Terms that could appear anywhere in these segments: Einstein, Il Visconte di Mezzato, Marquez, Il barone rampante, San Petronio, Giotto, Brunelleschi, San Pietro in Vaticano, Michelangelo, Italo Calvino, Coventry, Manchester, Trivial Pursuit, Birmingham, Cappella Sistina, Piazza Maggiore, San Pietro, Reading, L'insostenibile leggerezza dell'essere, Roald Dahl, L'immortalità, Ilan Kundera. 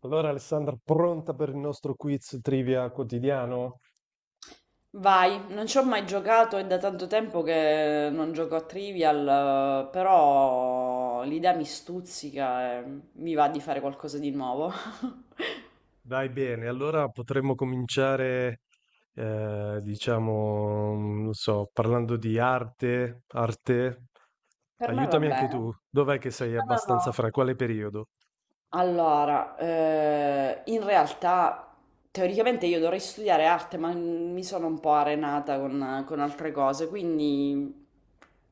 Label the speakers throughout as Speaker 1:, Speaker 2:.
Speaker 1: Allora, Alessandra, pronta per il nostro quiz trivia quotidiano?
Speaker 2: Vai, non ci ho mai giocato, è da tanto tempo che non gioco a Trivial, però l'idea mi stuzzica e mi va di fare qualcosa di nuovo.
Speaker 1: Dai bene, allora potremmo cominciare, diciamo, non so, parlando di arte.
Speaker 2: Per me va
Speaker 1: Aiutami anche
Speaker 2: bene.
Speaker 1: tu, dov'è che
Speaker 2: No,
Speaker 1: sei
Speaker 2: no,
Speaker 1: abbastanza
Speaker 2: no.
Speaker 1: fra? Quale periodo?
Speaker 2: Allora, in realtà teoricamente io dovrei studiare arte, ma mi sono un po' arenata con altre cose, quindi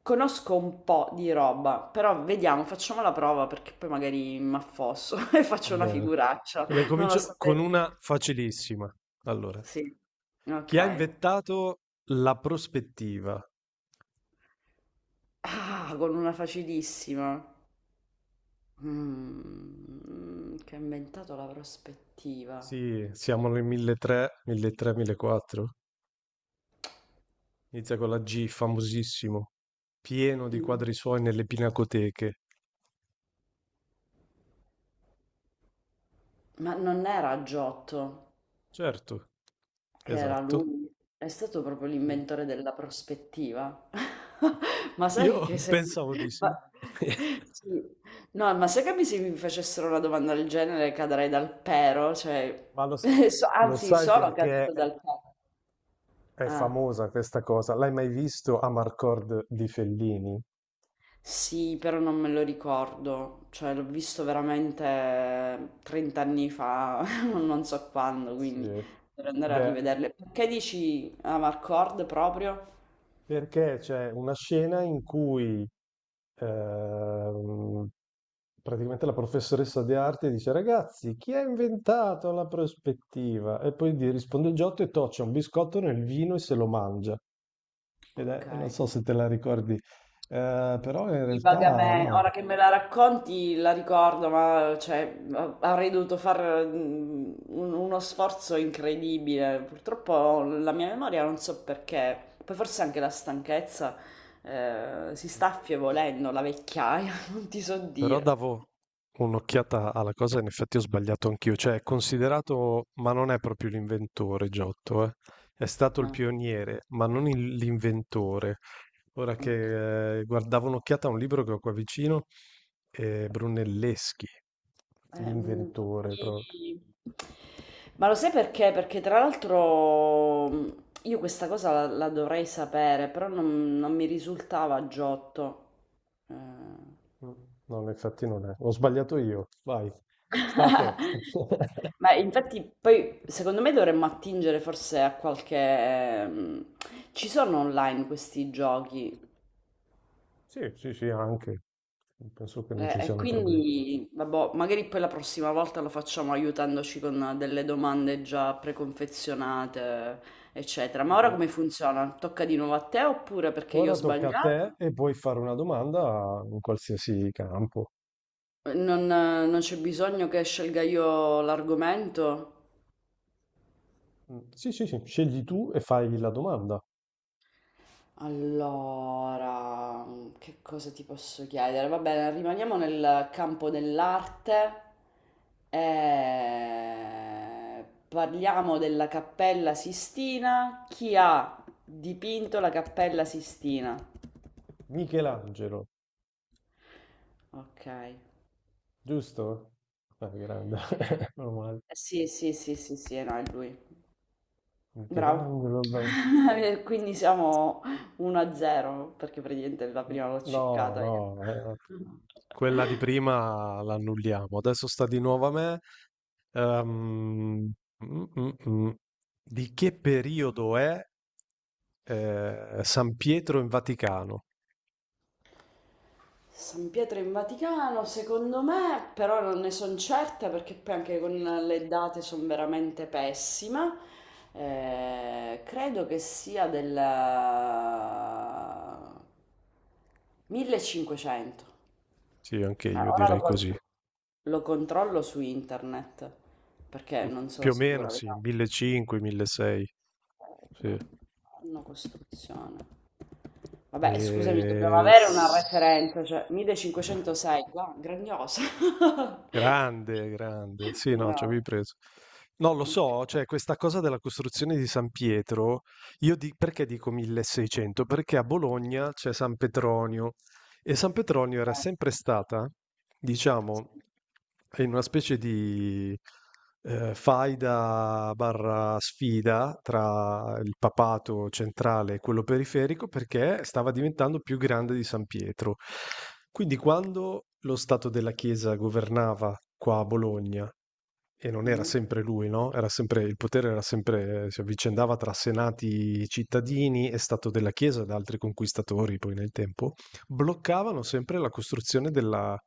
Speaker 2: conosco un po' di roba, però vediamo, facciamo la prova perché poi magari mi affosso e
Speaker 1: Va
Speaker 2: faccio una
Speaker 1: bene.
Speaker 2: figuraccia,
Speaker 1: Ne
Speaker 2: non lo
Speaker 1: comincio con
Speaker 2: sapete.
Speaker 1: una facilissima. Allora,
Speaker 2: Sì,
Speaker 1: chi ha
Speaker 2: ok.
Speaker 1: inventato la prospettiva?
Speaker 2: Ah, con una facilissima. Che ha inventato la prospettiva.
Speaker 1: Sì, siamo nel 1300, 1300, 1400. Inizia con la G, famosissimo, pieno di
Speaker 2: In-
Speaker 1: quadri suoi nelle pinacoteche.
Speaker 2: Ma non era Giotto.
Speaker 1: Certo,
Speaker 2: Che era
Speaker 1: esatto.
Speaker 2: lui, è stato proprio
Speaker 1: Sì.
Speaker 2: l'inventore della prospettiva. Ma
Speaker 1: Io
Speaker 2: sai che se...
Speaker 1: pensavo di sì.
Speaker 2: ma- sì. No, ma sai che se mi facessero una domanda del genere cadrei dal pero, cioè...
Speaker 1: Ma lo
Speaker 2: Anzi,
Speaker 1: sai
Speaker 2: sono
Speaker 1: perché
Speaker 2: caduta dal pero.
Speaker 1: è
Speaker 2: Ah.
Speaker 1: famosa questa cosa? L'hai mai visto Amarcord di Fellini?
Speaker 2: Sì, però non me lo ricordo, cioè l'ho visto veramente 30 anni fa, non so quando, quindi
Speaker 1: Sì.
Speaker 2: per andare a
Speaker 1: Beh,
Speaker 2: rivederle. Perché dici Amarcord proprio?
Speaker 1: perché c'è una scena in cui ehm, praticamente la professoressa di arte dice: Ragazzi, chi ha inventato la prospettiva? E poi gli risponde Giotto e toccia un biscotto nel vino e se lo mangia. Ed
Speaker 2: Ok.
Speaker 1: è, non so se te la ricordi, però in
Speaker 2: Sì,
Speaker 1: realtà
Speaker 2: vagamente,
Speaker 1: no.
Speaker 2: ora che me la racconti la ricordo, ma cioè, avrei dovuto fare uno sforzo incredibile. Purtroppo la mia memoria non so perché, poi forse anche la stanchezza si sta affievolendo, la vecchiaia, non ti so
Speaker 1: Però
Speaker 2: dire.
Speaker 1: davo un'occhiata alla cosa, in effetti ho sbagliato anch'io, cioè è considerato, ma non è proprio l'inventore Giotto, eh. È stato il
Speaker 2: Ah,
Speaker 1: pioniere, ma non l'inventore. Ora
Speaker 2: ok.
Speaker 1: che guardavo un'occhiata a un libro che ho qua vicino, Brunelleschi,
Speaker 2: Eh, mm,
Speaker 1: l'inventore proprio.
Speaker 2: infatti- Ma lo sai perché? Perché tra l'altro io questa cosa la dovrei sapere, però non mi risultava Giotto. Eh.
Speaker 1: No, infatti non è. Ho sbagliato io. Vai, sta a te.
Speaker 2: Ma infatti poi secondo me dovremmo attingere forse a qualche... Ci sono online questi giochi.
Speaker 1: Sì, sì, sì, anche. Penso che non ci
Speaker 2: E
Speaker 1: siano problemi.
Speaker 2: quindi, vabbè, magari poi la prossima volta lo facciamo aiutandoci con delle domande già preconfezionate, eccetera. Ma ora
Speaker 1: Mhm.
Speaker 2: come funziona? Tocca di nuovo a te oppure perché io ho
Speaker 1: Ora tocca a te
Speaker 2: sbagliato?
Speaker 1: e puoi fare una domanda in qualsiasi campo.
Speaker 2: Non c'è bisogno che scelga io l'argomento?
Speaker 1: Mm, sì, sì, sì, scegli tu e fai la domanda.
Speaker 2: Allora, che cosa ti posso chiedere? Va bene, rimaniamo nel campo dell'arte e parliamo della Cappella Sistina. Chi ha dipinto la Cappella Sistina?
Speaker 1: Michelangelo,
Speaker 2: Ok.
Speaker 1: giusto? Ah, grande. Meno male.
Speaker 2: Sì, sì, sì, sì, sì, no, è lui. Bravo.
Speaker 1: Michelangelo. Beh.
Speaker 2: Quindi siamo 1-0, perché praticamente la prima l'ho
Speaker 1: No,
Speaker 2: ciccata
Speaker 1: no,
Speaker 2: io.
Speaker 1: quella di prima l'annulliamo. Adesso sta di nuovo a me. Ehm, mm, mm, mm. Di che periodo è San Pietro in Vaticano?
Speaker 2: San Pietro in Vaticano, secondo me, però non ne sono certa perché poi anche con le date sono veramente pessima. Credo che sia del 1500.
Speaker 1: Sì, anche io
Speaker 2: Ora lo,
Speaker 1: direi
Speaker 2: con-
Speaker 1: così.
Speaker 2: lo controllo su internet perché non
Speaker 1: Più
Speaker 2: sono
Speaker 1: o meno
Speaker 2: sicura,
Speaker 1: sì,
Speaker 2: vediamo.
Speaker 1: 1500, 1600.
Speaker 2: Però,
Speaker 1: Sì.
Speaker 2: anno costruzione. Vabbè, scusami, dobbiamo
Speaker 1: E...
Speaker 2: avere una
Speaker 1: s-
Speaker 2: referenza, cioè 1506, wow, grandiosa.
Speaker 1: Grande, grande. Sì, no, ci
Speaker 2: Bravo.
Speaker 1: avevi preso. No, lo
Speaker 2: Ok.
Speaker 1: so, cioè questa cosa della costruzione di San Pietro, perché dico 1600? Perché a Bologna c'è San Petronio. E San Petronio era sempre stata, diciamo, in una specie di faida/sfida tra il papato centrale e quello periferico perché stava diventando più grande di San Pietro. Quindi quando lo Stato della Chiesa governava qua a Bologna, e non era
Speaker 2: Mhm.
Speaker 1: sempre lui, no? Il potere era sempre, si avvicendava tra senati cittadini e Stato della Chiesa ed altri conquistatori poi nel tempo bloccavano sempre la costruzione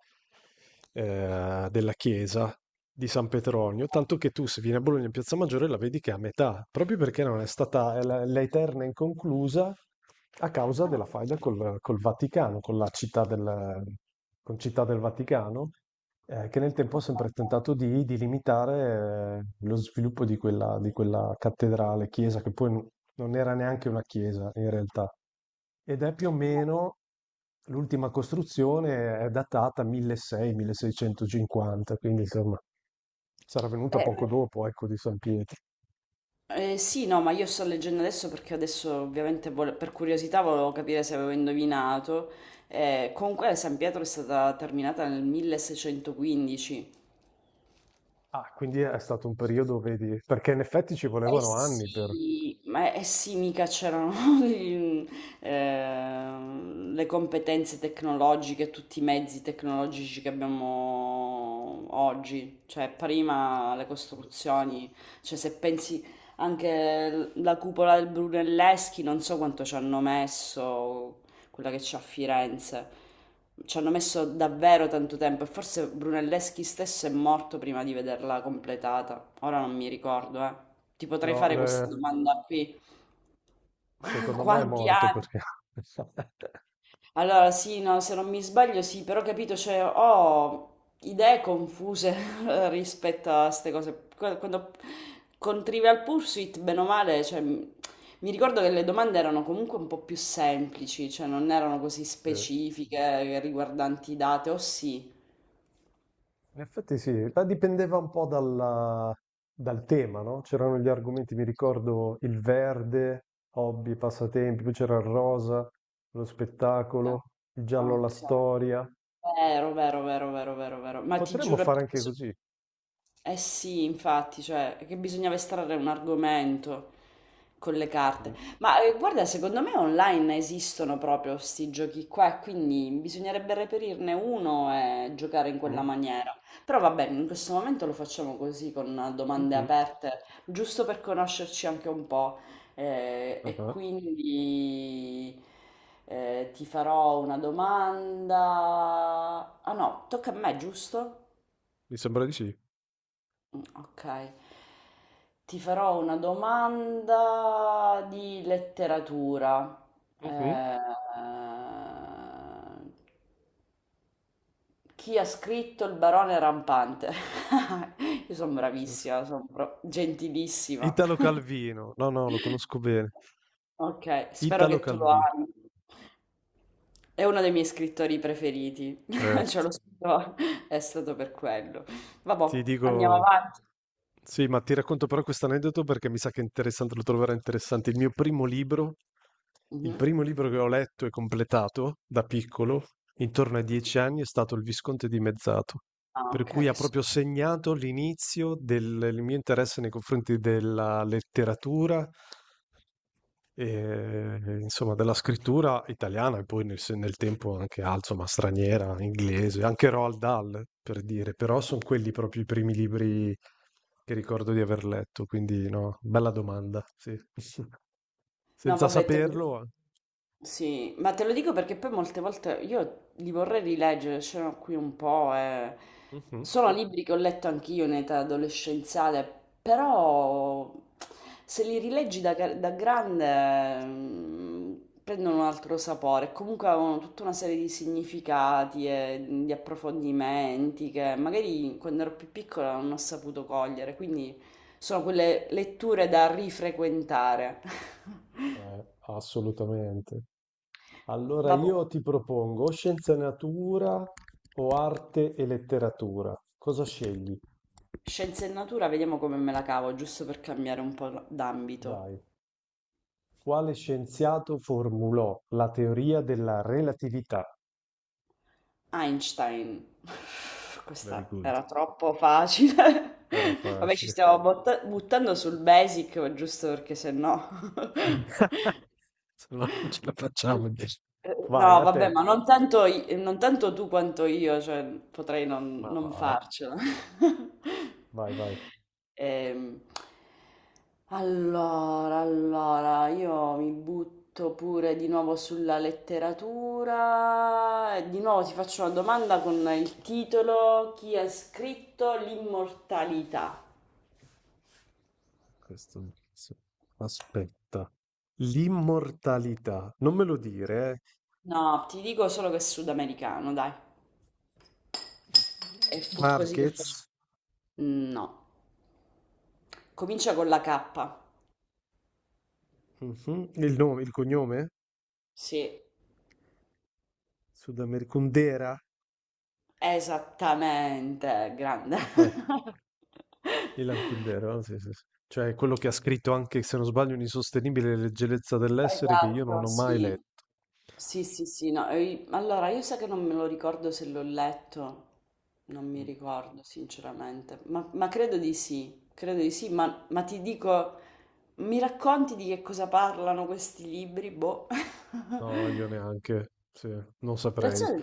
Speaker 1: della chiesa di San Petronio, tanto che tu se vieni a Bologna in Piazza Maggiore la vedi che è a metà, proprio perché non è stata è la eterna inconclusa a causa
Speaker 2: Ah,
Speaker 1: della faida col Vaticano, con città del Vaticano, che nel tempo ha
Speaker 2: ok,
Speaker 1: sempre
Speaker 2: ok.
Speaker 1: tentato di limitare lo sviluppo di quella cattedrale, chiesa, che poi non era neanche una chiesa in realtà, ed è più o meno l'ultima costruzione è datata 1600-1650, quindi insomma sarà venuta
Speaker 2: eh,
Speaker 1: poco dopo, ecco, di San Pietro.
Speaker 2: sì, no, ma io sto leggendo adesso perché adesso ovviamente per curiosità volevo capire se avevo indovinato. Comunque San Pietro è stata terminata nel 1615.
Speaker 1: Ah, quindi è stato un periodo, vedi, perché in effetti ci
Speaker 2: Eh
Speaker 1: volevano anni per...
Speaker 2: sì, ma eh sì, mica c'erano i- le competenze tecnologiche, tutti i mezzi tecnologici che abbiamo oggi, cioè prima le costruzioni, cioè se pensi anche la cupola del Brunelleschi, non so quanto ci hanno messo, quella che c'è a Firenze, ci hanno messo davvero tanto tempo e forse Brunelleschi stesso è morto prima di vederla completata, ora non mi ricordo, eh. Ti potrei
Speaker 1: No,
Speaker 2: fare questa domanda qui.
Speaker 1: secondo me è
Speaker 2: Quanti
Speaker 1: morto
Speaker 2: anni?
Speaker 1: perché...
Speaker 2: Allora, sì, no, se non mi sbaglio, sì, però ho capito, cioè, ho idee confuse rispetto a queste cose. Quando con Trivial Pursuit, bene o male, cioè, mi ricordo che le domande erano comunque un po' più semplici, cioè non erano così
Speaker 1: Sì.
Speaker 2: specifiche riguardanti date, o sì.
Speaker 1: In effetti sì, ma dipendeva un po' dal tema, no? C'erano gli argomenti, mi ricordo il verde, hobby, passatempi, poi c'era il rosa, lo
Speaker 2: Ah,
Speaker 1: spettacolo, il giallo, la
Speaker 2: ok,
Speaker 1: storia.
Speaker 2: vero, vero, vero, vero, vero, vero. Ma ti
Speaker 1: Potremmo
Speaker 2: giuro, è
Speaker 1: fare
Speaker 2: perché
Speaker 1: anche così.
Speaker 2: Eh sì, infatti, cioè, che bisognava estrarre un argomento con le carte.
Speaker 1: Mhm,
Speaker 2: Ma guarda, secondo me online esistono proprio questi giochi qua, e quindi bisognerebbe reperirne uno e giocare in quella
Speaker 1: mhm,
Speaker 2: maniera. Però va bene, in questo momento lo facciamo così, con domande
Speaker 1: mhm.
Speaker 2: aperte, giusto per conoscerci anche un po'. E
Speaker 1: Ah,
Speaker 2: quindi ti farò una domanda. Ah no, tocca a me, giusto?
Speaker 1: mi sembra di sì.
Speaker 2: Okay. Ti farò una domanda di letteratura.
Speaker 1: Mhm.
Speaker 2: Ehm, Chi ha scritto Il barone rampante? Io son
Speaker 1: Yes.
Speaker 2: bravissima, son pro gentilissima.
Speaker 1: Italo Calvino, no, no, lo conosco bene.
Speaker 2: Okay, spero
Speaker 1: Italo
Speaker 2: che tu lo
Speaker 1: Calvino,
Speaker 2: ami. È uno dei miei scrittori preferiti. Ce l'ho
Speaker 1: certo.
Speaker 2: scritto è stato per quello.
Speaker 1: Ti
Speaker 2: Vabbò, andiamo
Speaker 1: dico,
Speaker 2: avanti.
Speaker 1: sì, ma ti racconto però questo aneddoto perché mi sa che è interessante, lo troverai interessante. Il
Speaker 2: Mh-mh.
Speaker 1: primo libro che ho letto e completato da piccolo, intorno ai 10 anni, è stato Il Visconte di Mezzato,
Speaker 2: Ah,
Speaker 1: per
Speaker 2: ok,
Speaker 1: cui ha
Speaker 2: che so.
Speaker 1: proprio segnato l'inizio del, del mio interesse nei confronti della letteratura e, insomma, della scrittura italiana e poi nel, se- nel tempo anche insomma, straniera, inglese, anche Roald Dahl, per dire, però sono quelli proprio i primi libri che ricordo di aver letto, quindi no, bella domanda, sì.
Speaker 2: No,
Speaker 1: Senza
Speaker 2: vabbè, te lo dico.
Speaker 1: saperlo.
Speaker 2: Sì, ma te lo dico perché poi molte volte io li vorrei rileggere, c'erano qui un po', e...
Speaker 1: Mhm.
Speaker 2: sono libri che ho letto anch'io in età adolescenziale, però se li rileggi da, da grande prendono un altro sapore, comunque avevano tutta una serie di significati e di approfondimenti che magari quando ero più piccola non ho saputo cogliere, quindi... Sono quelle letture da rifrequentare.
Speaker 1: Assolutamente. Allora
Speaker 2: Vabbè,
Speaker 1: io ti propongo o scienze e natura o arte e letteratura. Cosa scegli?
Speaker 2: scienze e natura, vediamo come me la cavo, giusto per cambiare un po' d'ambito.
Speaker 1: Dai. Quale scienziato formulò la teoria della relatività?
Speaker 2: Einstein.
Speaker 1: Very
Speaker 2: Questa
Speaker 1: good,
Speaker 2: era troppo facile.
Speaker 1: era
Speaker 2: Vabbè, ci
Speaker 1: facile.
Speaker 2: stiamo buttando sul basic, giusto perché se no...
Speaker 1: Se no non ce la
Speaker 2: Sì.
Speaker 1: facciamo, dici. Vai,
Speaker 2: No,
Speaker 1: a
Speaker 2: vabbè,
Speaker 1: te.
Speaker 2: ma non tanto, non tanto tu quanto io, cioè potrei non,
Speaker 1: Ma
Speaker 2: non
Speaker 1: va,
Speaker 2: farcela.
Speaker 1: vai, vai.
Speaker 2: Ehm, allora, io mi butto pure di nuovo sulla letteratura. E di nuovo ti faccio una domanda con il titolo: chi ha scritto L'immortalità?
Speaker 1: Questo... sì. Aspetta. L'immortalità. Non me lo dire,
Speaker 2: No, ti dico solo che è sudamericano, dai.
Speaker 1: eh.
Speaker 2: E fu così che fece.
Speaker 1: Marquez.
Speaker 2: No, comincia con la K.
Speaker 1: Mhm. Il nome, il cognome?
Speaker 2: Sì,
Speaker 1: Sudamericundera.
Speaker 2: esattamente, grande.
Speaker 1: Ah, dai. Ilan Kundera, sì, sì, sì. Cioè quello che ha scritto anche, se non sbaglio, un'insostenibile leggerezza dell'essere che io non
Speaker 2: Esatto,
Speaker 1: ho mai
Speaker 2: sì.
Speaker 1: letto.
Speaker 2: Sì, sì, sì, no. Allora, io so che non me lo ricordo se l'ho letto, non mi
Speaker 1: Mm,
Speaker 2: ricordo sinceramente, ma credo di sì, ma ti dico, mi racconti di che cosa parlano questi libri? Boh.
Speaker 1: no, io neanche, sì, non
Speaker 2: Non so,
Speaker 1: saprei.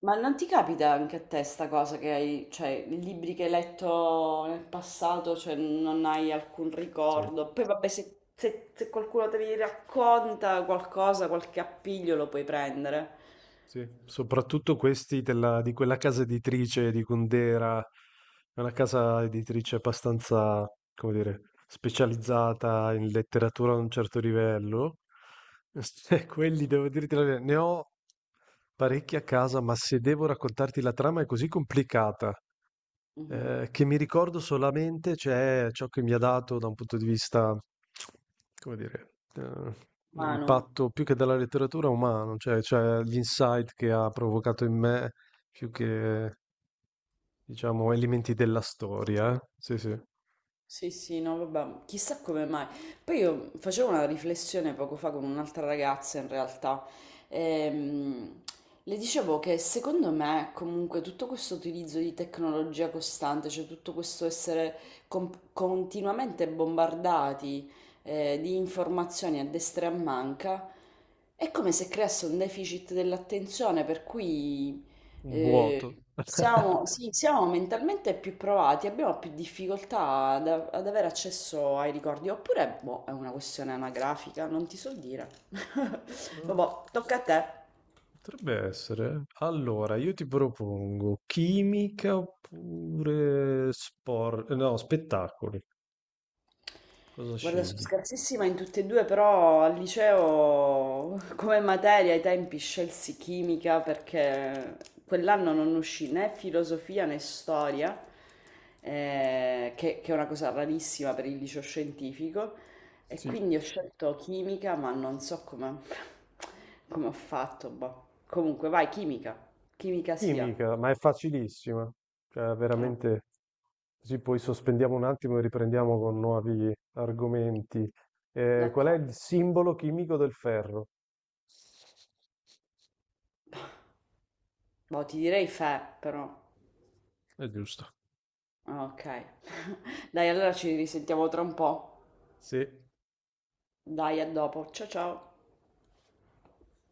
Speaker 2: ma non ti capita anche a te sta cosa che hai, cioè, libri che hai letto nel passato, cioè non hai alcun
Speaker 1: Sì,
Speaker 2: ricordo. Poi vabbè, se qualcuno te li racconta qualcosa, qualche appiglio lo puoi prendere.
Speaker 1: sì. Soprattutto questi di quella casa editrice di Kundera, è una casa editrice abbastanza, come dire, specializzata in letteratura a un certo livello. E quelli, devo dirti la verità, ne ho parecchi a casa, ma se devo raccontarti la trama è così complicata
Speaker 2: Mhm.
Speaker 1: Che mi ricordo solamente c'è ciò che mi ha dato da un punto di vista, come dire,
Speaker 2: Mano.
Speaker 1: l'impatto più che della letteratura umano, cioè, gli insight che ha provocato in me, più che, diciamo, elementi della storia. Eh. Sì, sì, un
Speaker 2: Sì, sì, no, vabbè, chissà come mai. Poi io facevo una riflessione poco fa con un'altra ragazza, in realtà. Ehm, le dicevo che secondo me, comunque, tutto questo utilizzo di tecnologia costante, cioè tutto questo essere continuamente bombardati, di informazioni a destra e a manca, è come se creasse un deficit dell'attenzione, per cui
Speaker 1: vuoto.
Speaker 2: sì, siamo mentalmente più provati, abbiamo più difficoltà ad avere accesso ai ricordi, oppure boh, è una questione anagrafica, non ti so dire.
Speaker 1: Eh,
Speaker 2: Vabbè, tocca a te.
Speaker 1: potrebbe essere. Allora, io ti propongo chimica oppure sport, no, spettacoli. Cosa
Speaker 2: Guarda, sono
Speaker 1: scegli?
Speaker 2: scarsissima in tutte e due, però al liceo come materia ai tempi scelsi chimica perché quell'anno non uscì né filosofia né storia, che è una cosa rarissima per il liceo scientifico, e
Speaker 1: Sì.
Speaker 2: quindi ho scelto chimica, ma non so come, come ho fatto. Boh. Comunque, vai, chimica, chimica sia.
Speaker 1: Chimica, ma è facilissima, cioè
Speaker 2: Ah,
Speaker 1: veramente così poi sospendiamo un attimo e riprendiamo con nuovi argomenti. Qual è
Speaker 2: d'accordo.
Speaker 1: il simbolo chimico del ferro?
Speaker 2: Boh, ti direi fe, però.
Speaker 1: È giusto.
Speaker 2: Ah, ok. Dai, allora ci risentiamo tra un po'.
Speaker 1: Sì,
Speaker 2: Dai, a dopo. Ciao ciao.